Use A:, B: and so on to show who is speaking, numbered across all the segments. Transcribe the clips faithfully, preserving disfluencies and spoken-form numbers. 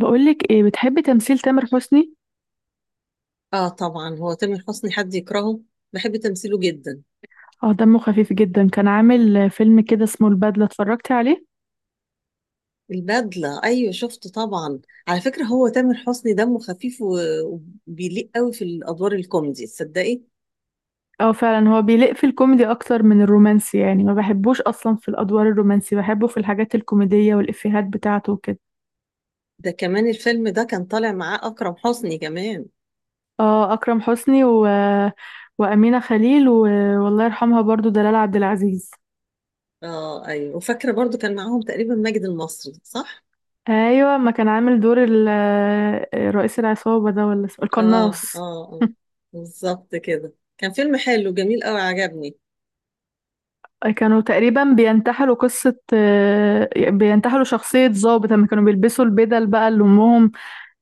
A: بقولك ايه، بتحبي تمثيل تامر حسني؟
B: اه، طبعا. هو تامر حسني، حد يكرهه؟ بحب تمثيله جدا.
A: اه دمه خفيف جدا، كان عامل فيلم كده اسمه البدلة، اتفرجتي عليه؟
B: البدلة، ايوه شفته طبعا. على فكرة، هو تامر حسني دمه خفيف و- وبيليق قوي في الادوار الكوميدي، تصدقي؟
A: اه فعلا، هو بيليق في الكوميدي اكتر من الرومانسي، يعني ما بحبوش اصلا في الادوار الرومانسي، بحبه في الحاجات الكوميدية والافيهات بتاعته وكده.
B: ده كمان الفيلم ده كان طالع معاه اكرم حسني كمان.
A: اه اكرم حسني و... وامينة خليل و... والله يرحمها برضو دلال عبد العزيز.
B: اه، ايوه، وفاكرة برضو كان معاهم تقريبا ماجد المصري، صح؟
A: ايوه، ما كان عامل دور ال... رئيس العصابة ده، ولا اسمه-
B: اه،
A: القناص؟
B: اه، اه، بالظبط كده. كان فيلم حلو جميل قوي، عجبني.
A: كانوا تقريبا بينتحلوا قصة آه، بينتحلوا شخصية ضابط لما كانوا بيلبسوا البدل بقى اللي أمهم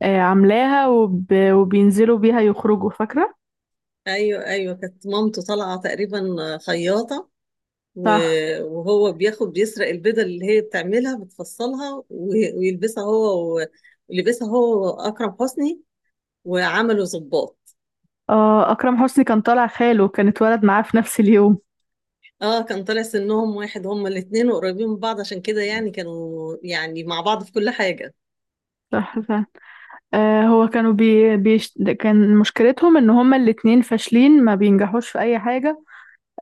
A: آه، عاملاها وب... وبينزلوا بيها يخرجوا، فاكرة؟
B: ايوه، ايوه، كانت مامته طالعة تقريبا خياطة، و-
A: صح.
B: وهو بياخد بيسرق البيضة اللي هي بتعملها بتفصلها و- ويلبسها هو، و- ولبسها هو أكرم حسني وعملوا ظباط.
A: آه أكرم حسني كان طالع خاله، كان اتولد معاه في نفس اليوم.
B: اه، كان طالع سنهم واحد، هما الاتنين وقريبين من بعض، عشان كده يعني كانوا يعني مع بعض في كل حاجة.
A: صح، صح. آه هو كانوا بي... بيش... كان مشكلتهم إن هما الاتنين فاشلين، ما بينجحوش في أي حاجة.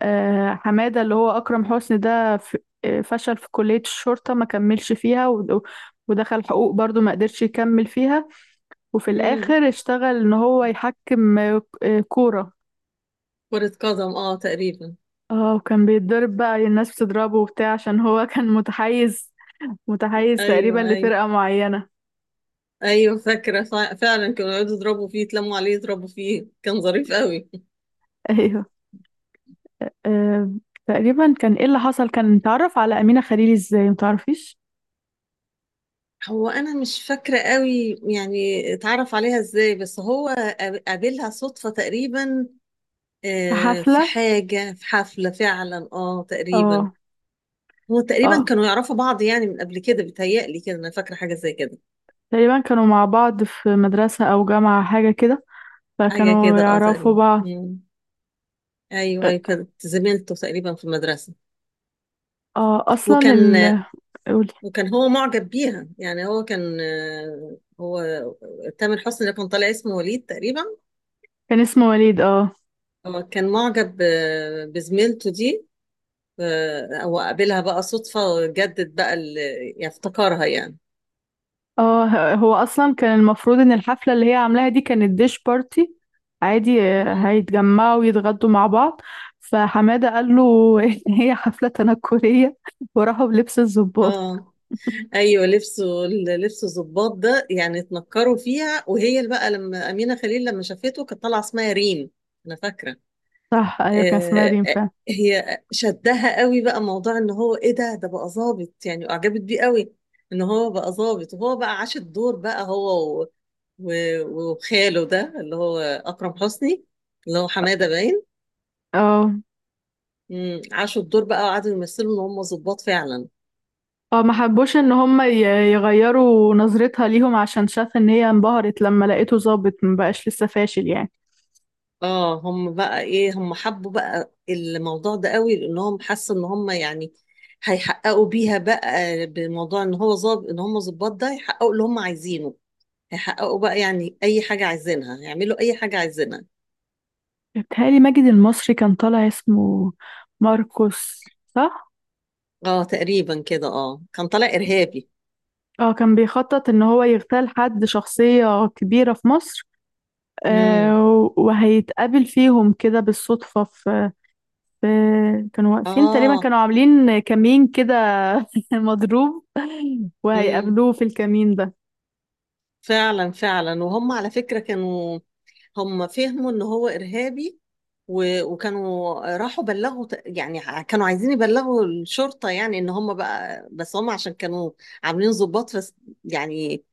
A: آه حمادة اللي هو أكرم حسني ده ف... آه، فشل في كلية الشرطة، ما كملش فيها، و... ودخل حقوق برضو، ما قدرش يكمل فيها. وفي
B: امم.
A: الآخر اشتغل إن هو يحكم آه، كورة.
B: كرة قدم، اه، تقريبا.
A: اه، وكان بيتضرب بقى، الناس بتضربه وبتاع عشان هو كان متحيز متحيز تقريبا
B: ايوه، ايوه،
A: لفرقة معينة.
B: ايوه، فاكرة، فع- فعلا كانوا يقعدوا يضربوا فيه، يتلموا عليه يضربوا فيه، كان ظريف قوي.
A: ايوه. آه، تقريبا كان ايه اللي حصل، كان اتعرف على أمينة خليل ازاي، متعرفيش؟
B: هو انا مش فاكره قوي يعني اتعرف عليها ازاي، بس هو قاب- قابلها صدفه تقريبا.
A: في
B: آه، في
A: حفلة.
B: حاجه، في حفله فعلا اه تقريبا.
A: اه
B: هو تقريبا
A: اه
B: كانوا يعرفوا بعض يعني من قبل كده، بيتهيألي كده، انا فاكره حاجه زي كده.
A: تقريبا، كانوا مع بعض في مدرسة أو جامعة، حاجة كده،
B: حاجه
A: فكانوا
B: كده اه
A: يعرفوا
B: تقريبا.
A: بعض.
B: مم. ايوه،
A: اه.
B: ايوه، كانت زميلته تقريبا في المدرسه.
A: آه، أصلا
B: وكان
A: ال قولي.
B: وكان هو معجب بيها، يعني هو كان، آه، هو تامر حسني اللي كان طالع اسمه وليد تقريبا.
A: كان اسمه وليد، اه.
B: هو كان معجب، آه، بزميلته دي. آه، او اقابلها بقى صدفة جدد بقى ال- يعني افتكرها يعني.
A: اه، ه- هو اصلا كان المفروض ان الحفله اللي هي عاملاها دي كانت ديش بارتي عادي، آه،
B: مم.
A: هيتجمعوا ويتغدوا مع بعض. فحماده قال له ان هي حفله تنكريه، وراحوا بلبس الضباط.
B: اه، ايوه، لبسه لبسه الضباط ده يعني، اتنكروا فيها، وهي اللي بقى لما امينه خليل لما شافته كانت طالعه اسمها ريم، انا فاكره.
A: صح، ايوه كان اسمها
B: آه
A: ريم
B: آه،
A: فعلا.
B: هي شدها قوي بقى موضوع ان هو ايه، ده ده بقى ظابط، يعني اعجبت بيه قوي، ان هو بقى ظابط. وهو بقى عاش الدور بقى هو و- و- وخاله ده اللي هو اكرم حسني، اللي هو حماده باين.
A: اه
B: امم عاشوا الدور بقى، وقعدوا يمثلوا ان هم ظباط فعلا.
A: اه، ما حبوش ان هم ي- يغيروا نظرتها ليهم عشان شاف ان هي انبهرت لما لقيته ظابط، مبقاش لسه فاشل يعني.
B: اه، هم بقى ايه، هم حبوا بقى الموضوع ده قوي لانهم حسوا ان هم يعني هيحققوا بيها بقى بموضوع ان هو ظابط، ان هم ظباط ده يحققوا اللي هم عايزينه، هيحققوا بقى يعني اي حاجة عايزينها، هيعملوا اي حاجة عايزينها.
A: بيتهيألي ماجد المصري كان طالع اسمه ماركوس، صح.
B: اه، تقريبا كده، اه، كان طالع ارهابي.
A: اه كان بيخطط ان هو يغتال حد، شخصية كبيرة في مصر.
B: امم.
A: آه، وهيتقابل فيهم كده بالصدفة في في- كانوا واقفين تقريبا،
B: اه.
A: كانوا عاملين كمين كده مضروب،
B: امم.
A: وهيقابلوه في الكمين ده.
B: فعلا، فعلا، وهم على فكرة كانوا، هم فهموا ان هو ارهابي، و- وكانوا راحوا بلغوا ت- يعني ع- كانوا عايزين يبلغوا الشرطة يعني ان هم بقى، بس هم عشان كانوا عاملين ضباط بس يعني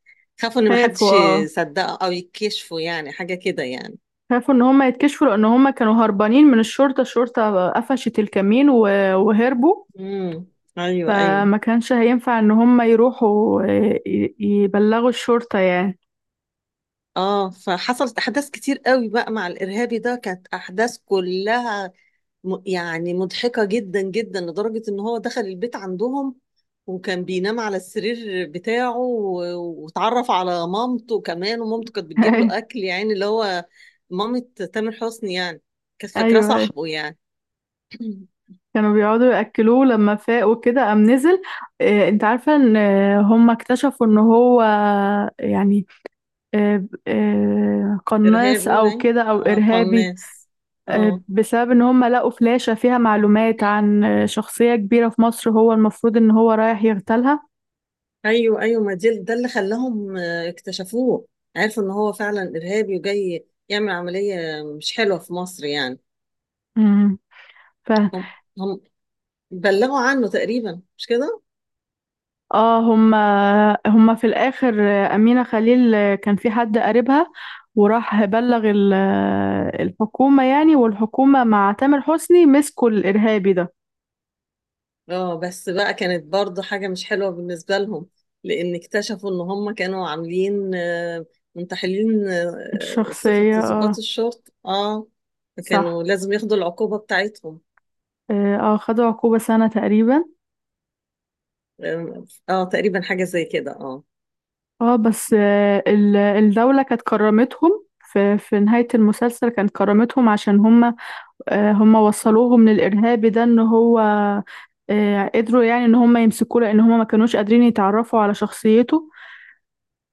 B: خافوا ان
A: خافوا
B: محدش
A: اه
B: يصدقه او يكشفوا يعني حاجة كده يعني.
A: خافوا ان هم يتكشفوا لان هم كانوا هربانين من الشرطة. الشرطة قفشت الكمين و- وهربوا.
B: امم، ايوه، ايوه.
A: فما كانش هينفع ان هم يروحوا، آه، ي- يبلغوا الشرطة يعني.
B: اه، فحصلت احداث كتير قوي بقى مع الارهابي ده، كانت احداث كلها م- يعني مضحكة جدا جدا، لدرجة ان هو دخل البيت عندهم وكان بينام على السرير بتاعه، و- واتعرف على مامته كمان، ومامته كانت بتجيب له اكل يعني، اللي هو مامة تامر حسني يعني، كانت فاكراه
A: ايوه،
B: صاحبه يعني.
A: كانوا بيقعدوا يأكلوه لما فاق وكده، قام نزل. آه، انت عارفة ان آه، هم اكتشفوا ان هو يعني آه، آه، قناص
B: ارهابي
A: او
B: باين،
A: كده او
B: اه،
A: ارهابي.
B: قناص.
A: آه،
B: اه.
A: بسبب ان هم لقوا فلاشة فيها معلومات عن آه، شخصية كبيرة في مصر، هو المفروض ان هو رايح يغتالها.
B: ايوه، ايوه، ما دي ده اللي خلاهم آه، اكتشفوه، عرفوا ان هو فعلا ارهابي وجاي يعمل عملية مش حلوة في مصر يعني.
A: مم.
B: هم هم بلغوا عنه تقريبا، مش كده؟
A: اه هما هما في الاخر، امينه خليل كان في حد قريبها، وراح بلغ ال- الحكومه يعني، والحكومه مع تامر حسني مسكوا الارهابي ده.
B: اه، بس بقى كانت برضو حاجة مش حلوة بالنسبة لهم، لأن اكتشفوا إن هم كانوا عاملين، آه، منتحلين، آه، صفة
A: الشخصيه، اه.
B: ضباط الشرطة، اه.
A: صح.
B: فكانوا لازم ياخدوا العقوبة بتاعتهم.
A: اه آه، خدوا عقوبه سنه تقريبا.
B: اه، آه، تقريبا حاجة زي كده، اه.
A: اه بس آه، ال- الدوله كانت كرمتهم في في نهايه المسلسل، كانت كرمتهم عشان هما آه، هما وصلوهم للارهابي ده، ان هو آه، قدروا يعني ان هم يمسكوه، لان هم ما كانوش قادرين يتعرفوا على شخصيته.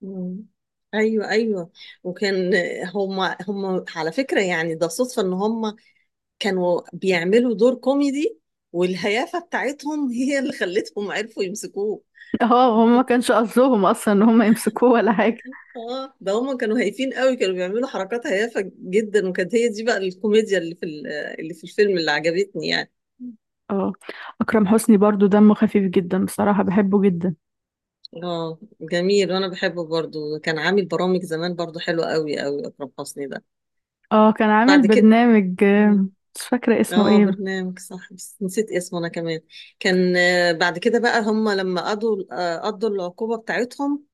B: مم. ايوه، ايوه، وكان هم هم على فكرة يعني ده صدفة ان هم كانوا بيعملوا دور كوميدي، والهيافة بتاعتهم هي اللي خلتهم عرفوا يمسكوه.
A: اه هم ما كانش قصدهم اصلا ان هم يمسكوه ولا حاجه.
B: اه، ده هما كانوا هايفين قوي، كانوا بيعملوا حركات هيافة جدا، وكانت هي دي بقى الكوميديا اللي في ال- آه، اللي في الفيلم اللي عجبتني يعني.
A: اه اكرم حسني برضو دمه خفيف جدا، بصراحه بحبه جدا.
B: اه، جميل، وانا بحبه برضو. كان عامل برامج زمان برضو حلوة قوي قوي اكرم حسني ده.
A: اه كان عامل
B: بعد كده.
A: برنامج، آه،
B: مم.
A: مش فاكره اسمه
B: اه،
A: ايه.
B: برنامج، صح، بس نسيت اسمه انا كمان. كان، آه، بعد كده بقى، هم لما قضوا آه، قضوا العقوبة بتاعتهم،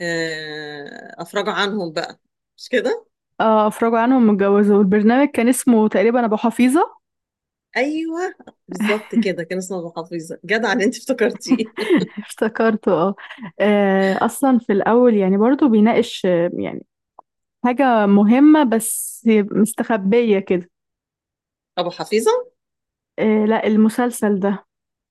B: آه، افرجوا عنهم بقى، مش كده؟
A: اه افرجوا عنهم متجوزوا. البرنامج كان اسمه تقريبا ابو حفيظه.
B: ايوه، بالظبط كده، كان اسمه ابو حفيظة، جدع ان انت افتكرتيه.
A: افتكرته، اه. آه، اصلا في الاول يعني برضو بيناقش آه، يعني حاجه مهمه بس مستخبيه كده.
B: أبو حفيظة؟
A: آه لا، المسلسل ده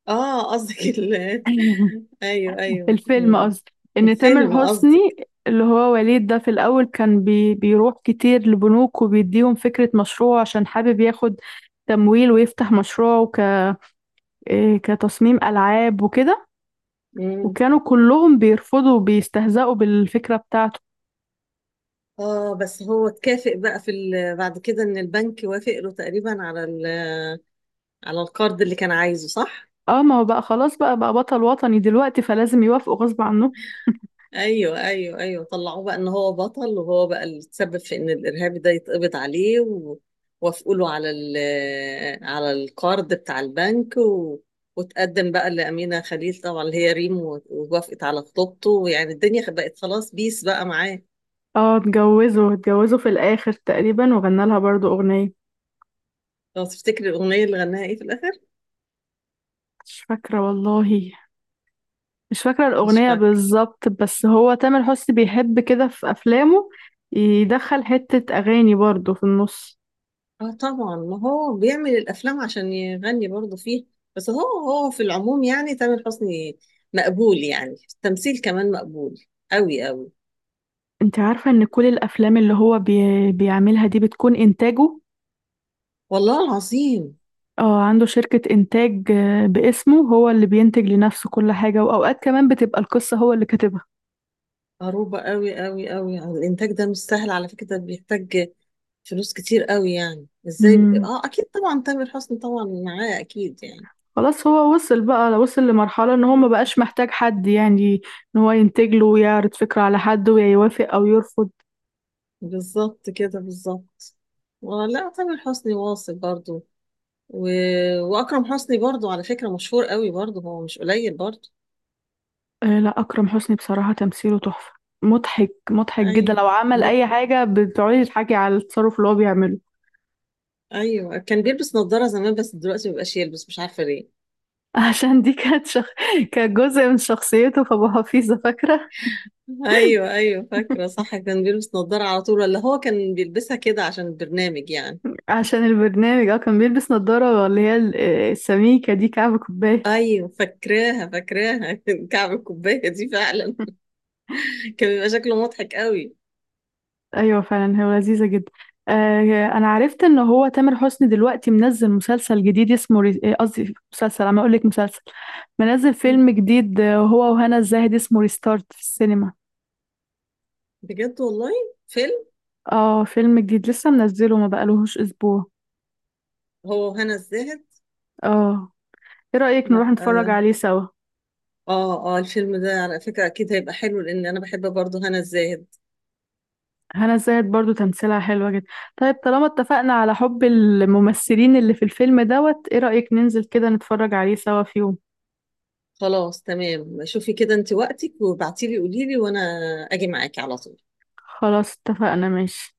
B: آه قصدك ال أيوه، أيوه.
A: الفيلم
B: مم.
A: قصدي، ان تامر
B: الفيلم
A: حسني
B: قصدك.
A: اللي هو وليد ده، في الاول كان بي بيروح كتير لبنوك، وبيديهم فكرة مشروع عشان حابب ياخد تمويل ويفتح مشروعه، ك إيه، كتصميم العاب وكده.
B: مم.
A: وكانوا كلهم بيرفضوا وبيستهزئوا بالفكرة بتاعته.
B: آه بس هو اتكافئ بقى في ال... بعد كده إن البنك وافق له تقريبا على ال... على القرض اللي كان عايزه، صح؟
A: اه ما هو بقى خلاص، بقى بقى بطل وطني دلوقتي، فلازم يوافقوا غصب عنه.
B: ايوه، ايوه، ايوه، طلعوه بقى ان هو بطل، وهو بقى اللي تسبب في ان الارهابي ده يتقبض عليه، ووافقوا له على ال- على القرض بتاع البنك، و... وتقدم بقى لأمينة خليل طبعا اللي هي ريم، و- ووافقت على خطوبته، ويعني الدنيا بقت خلاص بيس بقى معاه.
A: اه اتجوزوا اتجوزوا في الاخر تقريبا، وغنى لها برضو اغنية.
B: لو تفتكري الأغنية اللي غناها ايه في الآخر؟
A: مش فاكرة والله، مش فاكرة
B: مش
A: الأغنية
B: فاكر.
A: بالظبط، بس هو تامر حسني بيحب كده في أفلامه، يدخل حتة أغاني برضه في النص.
B: اه، طبعا، ما هو بيعمل الأفلام عشان يغني برضه فيه، بس هو هو في العموم يعني تامر حسني مقبول، يعني التمثيل كمان مقبول قوي قوي.
A: انت عارفة ان كل الأفلام اللي هو بي... بيعملها دي بتكون إنتاجه.
B: والله العظيم.
A: اه عنده شركة إنتاج آه، باسمه، هو اللي بينتج لنفسه كل حاجة، وأوقات كمان بتبقى القصة هو اللي كاتبها.
B: عروبة قوي قوي قوي. الإنتاج ده مش سهل على فكرة، ده بيحتاج فلوس كتير قوي، يعني ازاي؟
A: مم.
B: اه، اكيد طبعا تامر حسني طبعا معاه اكيد يعني.
A: خلاص، هو وصل بقى وصل لمرحلة ان هو ما
B: مم.
A: بقاش محتاج حد يعني، ان هو ينتج له ويعرض فكرة على حد ويوافق أو يرفض.
B: بالظبط كده، بالظبط. ولا تامر حسني واصل برضو، و... واكرم حسني برضو على فكرة مشهور قوي برضو، هو مش قليل برضو.
A: آه، لا، أكرم حسني بصراحة تمثيله تحفة. مضحك مضحك جدا،
B: ايوه.
A: لو عمل
B: مد...
A: أي حاجة بتقعدي تضحكي على التصرف اللي هو بيعمله.
B: ايوه، كان بيلبس نظارة زمان بس دلوقتي مبقاش يلبس، مش عارفة ليه.
A: عشان دي كانت شخ... كانت جزء من شخصيته، فأبو حفيظة، فاكرة؟
B: ايوه، ايوه، فاكره، صح، كان بيلبس نظاره على طول، ولا هو كان بيلبسها كده عشان البرنامج يعني؟
A: عشان البرنامج، اه كان بيلبس نظارة اللي هي ال- آه، السميكة دي، كعب كوباية.
B: ايوه، فاكراها، فاكراها كعب الكوبايه دي فعلا. كان بيبقى شكله مضحك قوي.
A: أيوة فعلا، هو لذيذة جدا. آه، أنا عرفت إن هو تامر حسني دلوقتي منزل مسلسل جديد اسمه ري- آه، قصدي مسلسل، أنا أقول لك مسلسل، منزل فيلم جديد، آه، هو وهنا الزاهد، اسمه ريستارت، في السينما.
B: بجد، والله. فيلم.
A: اه فيلم جديد لسه منزله، ما بقالهوش اسبوع.
B: هو هنا الزاهد.
A: اه، ايه رأيك نروح
B: لا،
A: نتفرج
B: اه.
A: عليه سوا؟
B: اه، آه، الفيلم ده على فكره اكيد هيبقى حلو، لان انا بحب برضه هنا الزاهد.
A: هنا الزاهد برضو تمثيلها حلوة جدا. طيب، طالما اتفقنا على حب الممثلين اللي في الفيلم دوت، ايه رأيك ننزل كده نتفرج عليه سوا في يوم؟
B: خلاص، تمام. شوفي كده انت وقتك وابعتيلي، قوليلي، وانا اجي معاكي على طول.
A: خلاص، اتفقنا، ماشي.